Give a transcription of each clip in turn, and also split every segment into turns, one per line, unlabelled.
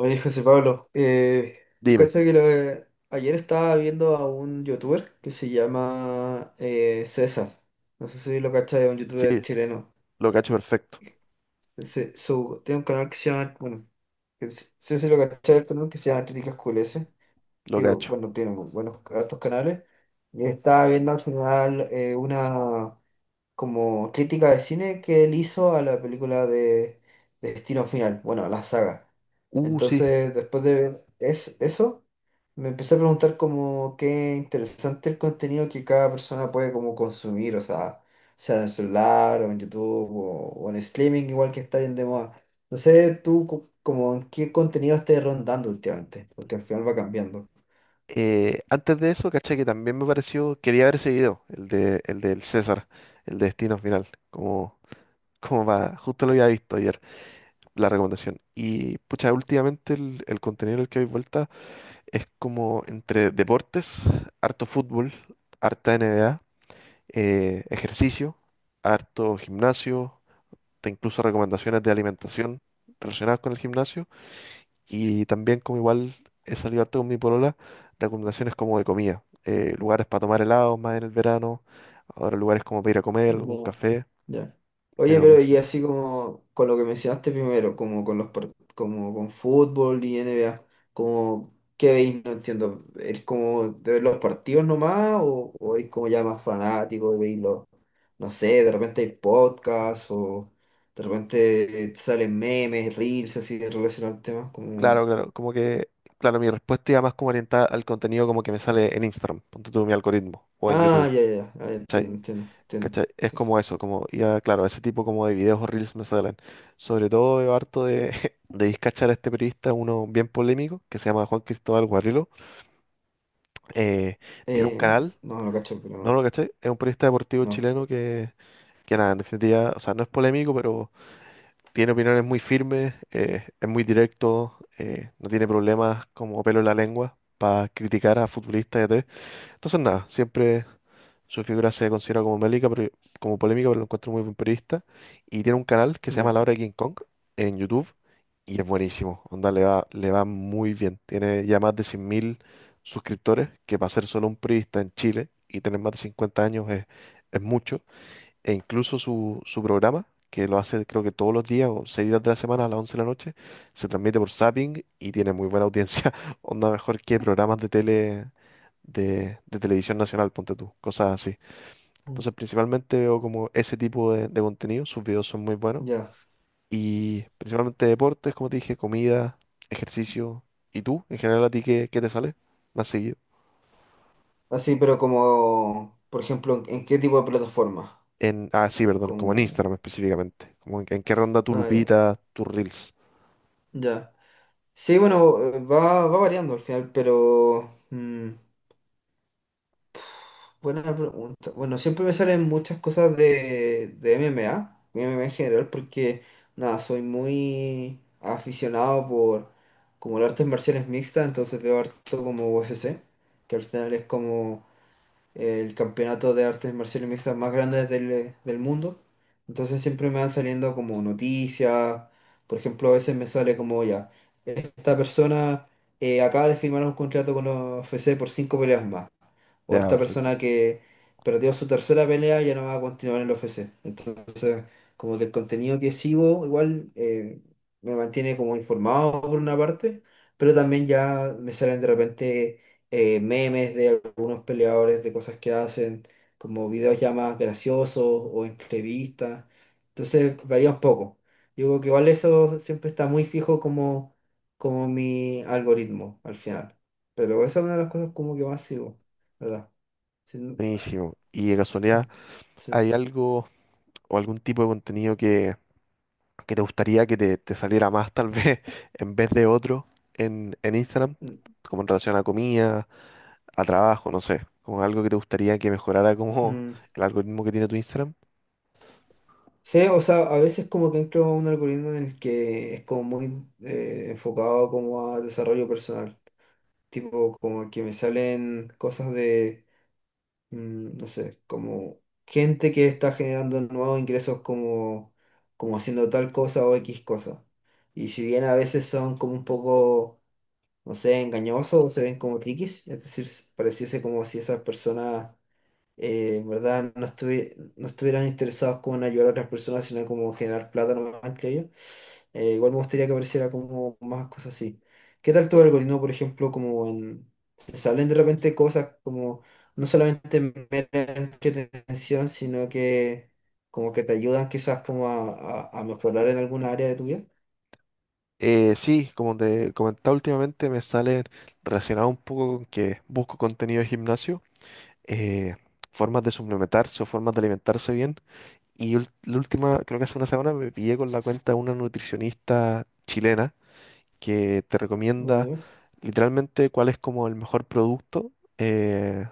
Oye, José Pablo,
Dime,
cacha que lo- ayer estaba viendo a un youtuber que se llama César. No sé si lo cachai, es un
sí,
youtuber chileno.
lo cacho perfecto,
Tiene un canal que se llama, bueno, no sé si lo cachai, el canal que se llama Críticas QLS.
lo
Digo,
cacho.
bueno, tiene buenos hartos canales. Y estaba viendo al final una como crítica de cine que él hizo a la película de Destino Final, bueno, a la saga.
Sí.
Entonces, después de ver eso, me empecé a preguntar como qué interesante el contenido que cada persona puede como consumir, o sea, sea en el celular o en YouTube o en streaming, igual que está bien de moda. No sé, tú como en qué contenido estés rondando últimamente, porque al final va cambiando.
Antes de eso, caché que también me pareció, quería ver ese video, el del César, el de Destino Final, como, como va, justo lo había visto ayer, la recomendación. Y pucha, últimamente el contenido en el que doy vuelta es como entre deportes, harto fútbol, harta NBA, ejercicio, harto gimnasio, te incluso recomendaciones de alimentación relacionadas con el gimnasio. Y también como igual he salido harto con mi polola, recomendaciones como de comida. Lugares para tomar helados más en el verano, ahora lugares como para ir a comer, algún
Bueno,
café,
ya. Oye,
pero
pero y así como con lo que mencionaste primero, como con los como con fútbol y NBA, como qué veis, no entiendo, ¿es como de ver los partidos nomás o es como ya más fanático y veis los, no sé, de repente hay podcasts o de repente salen memes, reels así de relacionados al tema como?
claro, claro, claro, mi respuesta iba más como orientada al contenido como que me sale en Instagram, ponte tú mi algoritmo, o en
Ah,
YouTube,
ya, ya, ya, ah, ya, entiendo,
¿cachai?
entiendo, entiendo.
¿Cachai? Es
Sí, sí.
como eso, como, ya, claro, ese tipo como de videos o reels me salen. Sobre todo veo harto de, de discachar a este periodista, uno bien polémico, que se llama Juan Cristóbal Guarrilo. eh, Tiene un
Eh,
canal.
no, no cacho, pero
No lo
no,
cachai, es un periodista deportivo
no,
chileno que nada, en definitiva, o sea, no es polémico, pero tiene opiniones muy firmes, es muy directo, no tiene problemas como pelo en la lengua para criticar a futbolistas y a entonces, nada, siempre su figura se considera como mélica, pero, como polémica, pero lo encuentro muy buen periodista. Y tiene un canal que se llama
ya.
La Hora de King Kong en YouTube y es buenísimo. Onda, le va muy bien. Tiene ya más de 100.000 suscriptores, que para ser solo un periodista en Chile y tener más de 50 años es mucho. E incluso su programa, que lo hace creo que todos los días o seis días de la semana a las 11 de la noche, se transmite por Zapping y tiene muy buena audiencia, onda mejor que programas de tele de televisión nacional, ponte tú, cosas así.
Mm.
Entonces principalmente veo como ese tipo de contenido, sus videos son muy buenos
Ya.
y principalmente deportes, como te dije, comida, ejercicio. Y tú, en general a ti, qué te sale más seguido?
Así, pero como, por ejemplo, ¿en qué tipo de plataforma?
En, ah, sí, perdón, como en
Como...
Instagram específicamente. Como en qué ronda tu
Ah, ya.
Lupita, tus Reels.
Ya. Sí, bueno, va variando al final, pero buena pregunta. Bueno, siempre me salen muchas cosas de MMA, MMA en general, porque, nada, soy muy aficionado por como las artes marciales mixtas, entonces veo harto como UFC, que al final es como el campeonato de artes marciales mixtas más grande del mundo. Entonces siempre me van saliendo como noticias. Por ejemplo, a veces me sale como ya, esta persona acaba de firmar un contrato con la UFC por cinco peleas más. O
Ya,
esta persona
perfecto.
que perdió su tercera pelea ya no va a continuar en la UFC. Entonces, como que el contenido que sigo igual me mantiene como informado por una parte, pero también ya me salen de repente memes de algunos peleadores, de cosas que hacen, como videos ya más graciosos o entrevistas. Entonces varía un poco. Yo creo que igual eso siempre está muy fijo como mi algoritmo al final. Pero esa es una de las cosas como que más sigo, ¿verdad? Sí, ah,
Buenísimo. Y de
mm,
casualidad,
sí,
¿hay algo o algún tipo de contenido que te gustaría que te saliera más, tal vez, en vez de otro en Instagram?
mm,
Como en relación a comida, a trabajo, no sé. Como algo que te gustaría que mejorara como
mm.
el algoritmo que tiene tu Instagram.
Sí, o sea, a veces como que entro a un algoritmo en el que es como muy enfocado como a desarrollo personal, tipo como que me salen cosas de, no sé, como gente que está generando nuevos ingresos como haciendo tal cosa o X cosa. Y si bien a veces son como un poco, no sé, engañosos o se ven como triquis, es decir, pareciese como si esas personas en verdad no, no estuvieran interesados como en ayudar a otras personas, sino como en generar plata nomás, creo ellos. Igual me gustaría que apareciera como más cosas así. ¿Qué tal tu algoritmo, por ejemplo, como en, se salen de repente cosas como no solamente mera entretención, sino que como que te ayudan quizás como a mejorar en alguna área de tu vida?
Sí, como te comentaba últimamente, me sale relacionado un poco con que busco contenido de gimnasio, eh, formas de suplementarse o formas de alimentarse bien. Y la última, creo que hace una semana, me pillé con la cuenta de una nutricionista chilena que te
Ah,
recomienda
ya.
literalmente cuál es como el mejor producto, eh,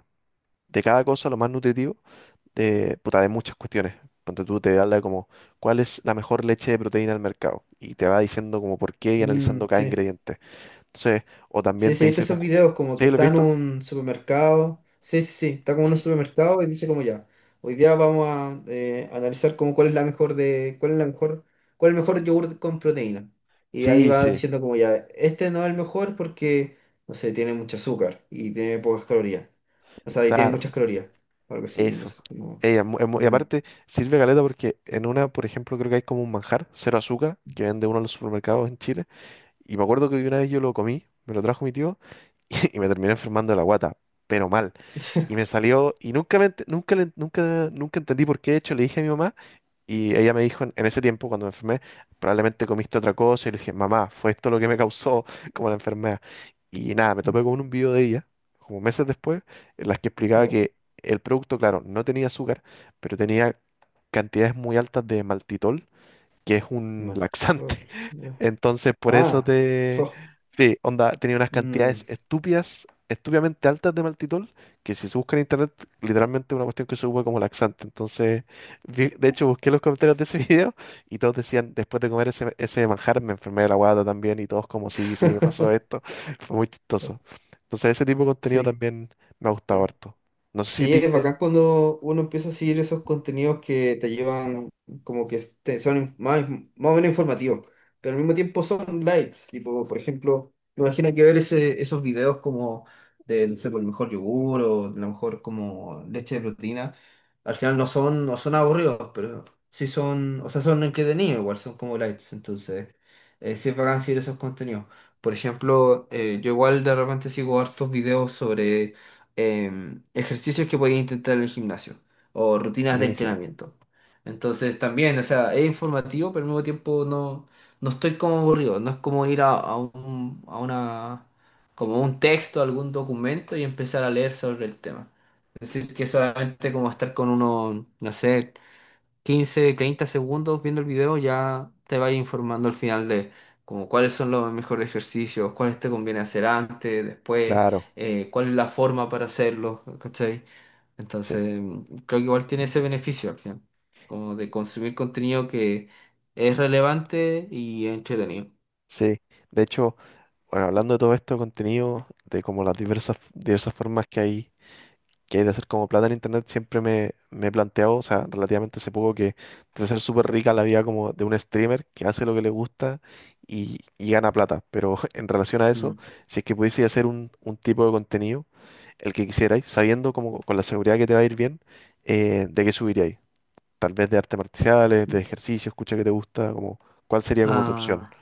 de cada cosa, lo más nutritivo, de, puta, de muchas cuestiones. Ponte tú, te habla de como cuál es la mejor leche de proteína del mercado y te va diciendo como por qué y analizando
Mm,
cada
sí.
ingrediente. Entonces, o
Sí,
también
sí,
te
viste
dice
esos
como,
videos como que
¿sí lo has
está en
visto?
un supermercado. Sí, sí, sí, está como en un supermercado y dice como ya. Hoy día vamos a analizar como cuál es la mejor de, cuál es la mejor, cuál es el mejor yogur con proteína. Y ahí
Sí,
va
sí,
diciendo como ya, este no es el mejor porque, no sé, tiene mucho azúcar y tiene pocas calorías. O sea, y tiene
claro.
muchas calorías. Algo así, no
Eso.
sé. No.
Ey, y
Mm.
aparte, sirve caleta porque en una, por ejemplo, creo que hay como un manjar, cero azúcar, que vende uno en los supermercados en Chile. Y me acuerdo que una vez yo lo comí, me lo trajo mi tío, y, me terminé enfermando de la guata, pero mal. Y me salió, y nunca, nunca, nunca, nunca entendí por qué. De hecho, le dije a mi mamá, y ella me dijo, en ese tiempo, cuando me enfermé, probablemente comiste otra cosa. Y le dije, mamá, fue esto lo que me causó como la enfermedad. Y nada, me
Mm,
topé con un video de ella, como meses después, en las que explicaba
ya,
que el producto, claro, no tenía azúcar, pero tenía cantidades muy altas de maltitol, que es un
mal. Tol-
laxante.
Ya.
Entonces, por eso
Ah,
te...
oh,
Sí, onda, tenía unas cantidades
mm,
estúpidas, estúpidamente altas de maltitol, que si se busca en internet, literalmente es una cuestión que se usa como laxante. Entonces, de hecho, busqué los comentarios de ese video y todos decían, después de comer ese manjar, me enfermé de la guata también y todos como, sí, sí, me pasó esto. Fue muy
oh,
chistoso. Entonces, ese tipo de contenido
sí.
también me ha gustado harto. No sé si a
Sí,
ti
es
te...
bacán cuando uno empieza a seguir esos contenidos que te llevan, como que son más, más o menos informativos, pero al mismo tiempo son lights. Tipo, por ejemplo, me imagino que ver esos videos como de, no sé, por el mejor yogur o la mejor como leche de proteína, al final no son aburridos, pero sí son, o sea, son entretenidos igual, son como lights. Entonces, sí es bacán seguir esos contenidos. Por ejemplo, yo igual de repente sigo hartos videos sobre ejercicios que podéis intentar en el gimnasio o rutinas de
Buenísimo.
entrenamiento. Entonces también, o sea, es informativo, pero al mismo tiempo no, no estoy como aburrido. No es como ir a una, como un texto, algún documento y empezar a leer sobre el tema. Es decir, que solamente como estar con uno, no sé, 15, 30 segundos viendo el video, ya te vas informando al final de como cuáles son los mejores ejercicios, cuáles te conviene hacer antes, después,
Claro,
cuál es la forma para hacerlo, ¿cachai?
sí.
Entonces, creo que igual tiene ese beneficio al final, como de consumir contenido que es relevante y entretenido.
Sí, de hecho, bueno, hablando de todo esto, contenido, de como las diversas, diversas formas que hay de hacer como plata en internet, siempre me he planteado, o sea, relativamente hace poco que debe ser súper rica la vida como de un streamer que hace lo que le gusta y gana plata. Pero en relación a eso,
Mm.
si es que pudiese hacer un tipo de contenido, el que quisierais, sabiendo como con la seguridad que te va a ir bien, ¿de qué subiríais? Tal vez de artes marciales, de ejercicio, escucha que te gusta, como, ¿cuál sería como tu opción?
Ah,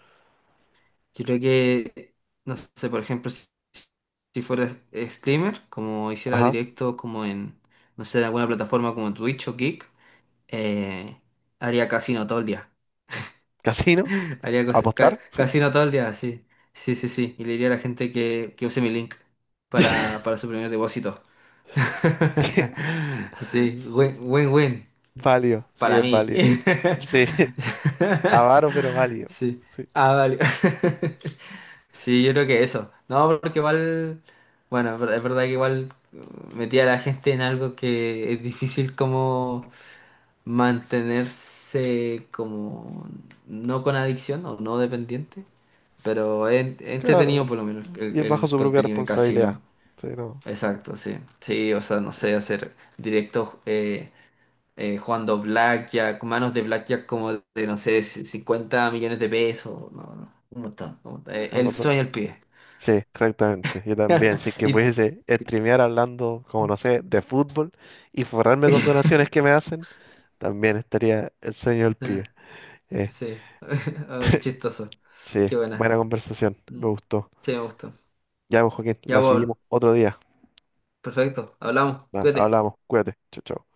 yo creo que, no sé, por ejemplo, si fuera streamer, como hiciera
Ajá,
directo como no sé, en alguna plataforma como Twitch o Kick, eh, haría casino todo el día.
casino,
Haría
apostar, ¿sí?
casino todo el día, sí. Sí, sí, sí. Y le diría a la gente que use mi link para su primer depósito. Sí, win, win, win.
Válido, sí,
Para
es
mí.
válido. Sí, avaro, pero válido.
Sí.
Sí,
Ah, vale. Sí, yo creo que eso. No, porque igual, bueno, es verdad que igual metía a la gente en algo que es difícil como mantenerse como no con adicción o no dependiente, pero es entretenido
claro.
por lo menos el,
Y es bajo
el
su propia
contenido de
responsabilidad.
casino.
Sí, no,
Exacto, sí. Sí, o sea, no sé, hacer directos jugando blackjack, manos de blackjack como de, no sé, 50 millones de pesos, no, no, un montón, un montón.
es
El
verdad.
sueño al pie.
Sí, exactamente. Yo también, si es que
Y-
pudiese streamear hablando, como no sé, de fútbol y forrarme con donaciones que me hacen, también estaría el sueño del pibe.
Ah,
Eh,
sí, oh, qué chistoso.
sí,
Qué
buena
buena.
conversación, me
Mm.
gustó.
Sí, me gustó.
Ya, pues, Joaquín,
Ya,
la
pues,
seguimos otro día.
perfecto. Hablamos.
Nah,
Cuídate.
hablamos, cuídate. Chau, chau.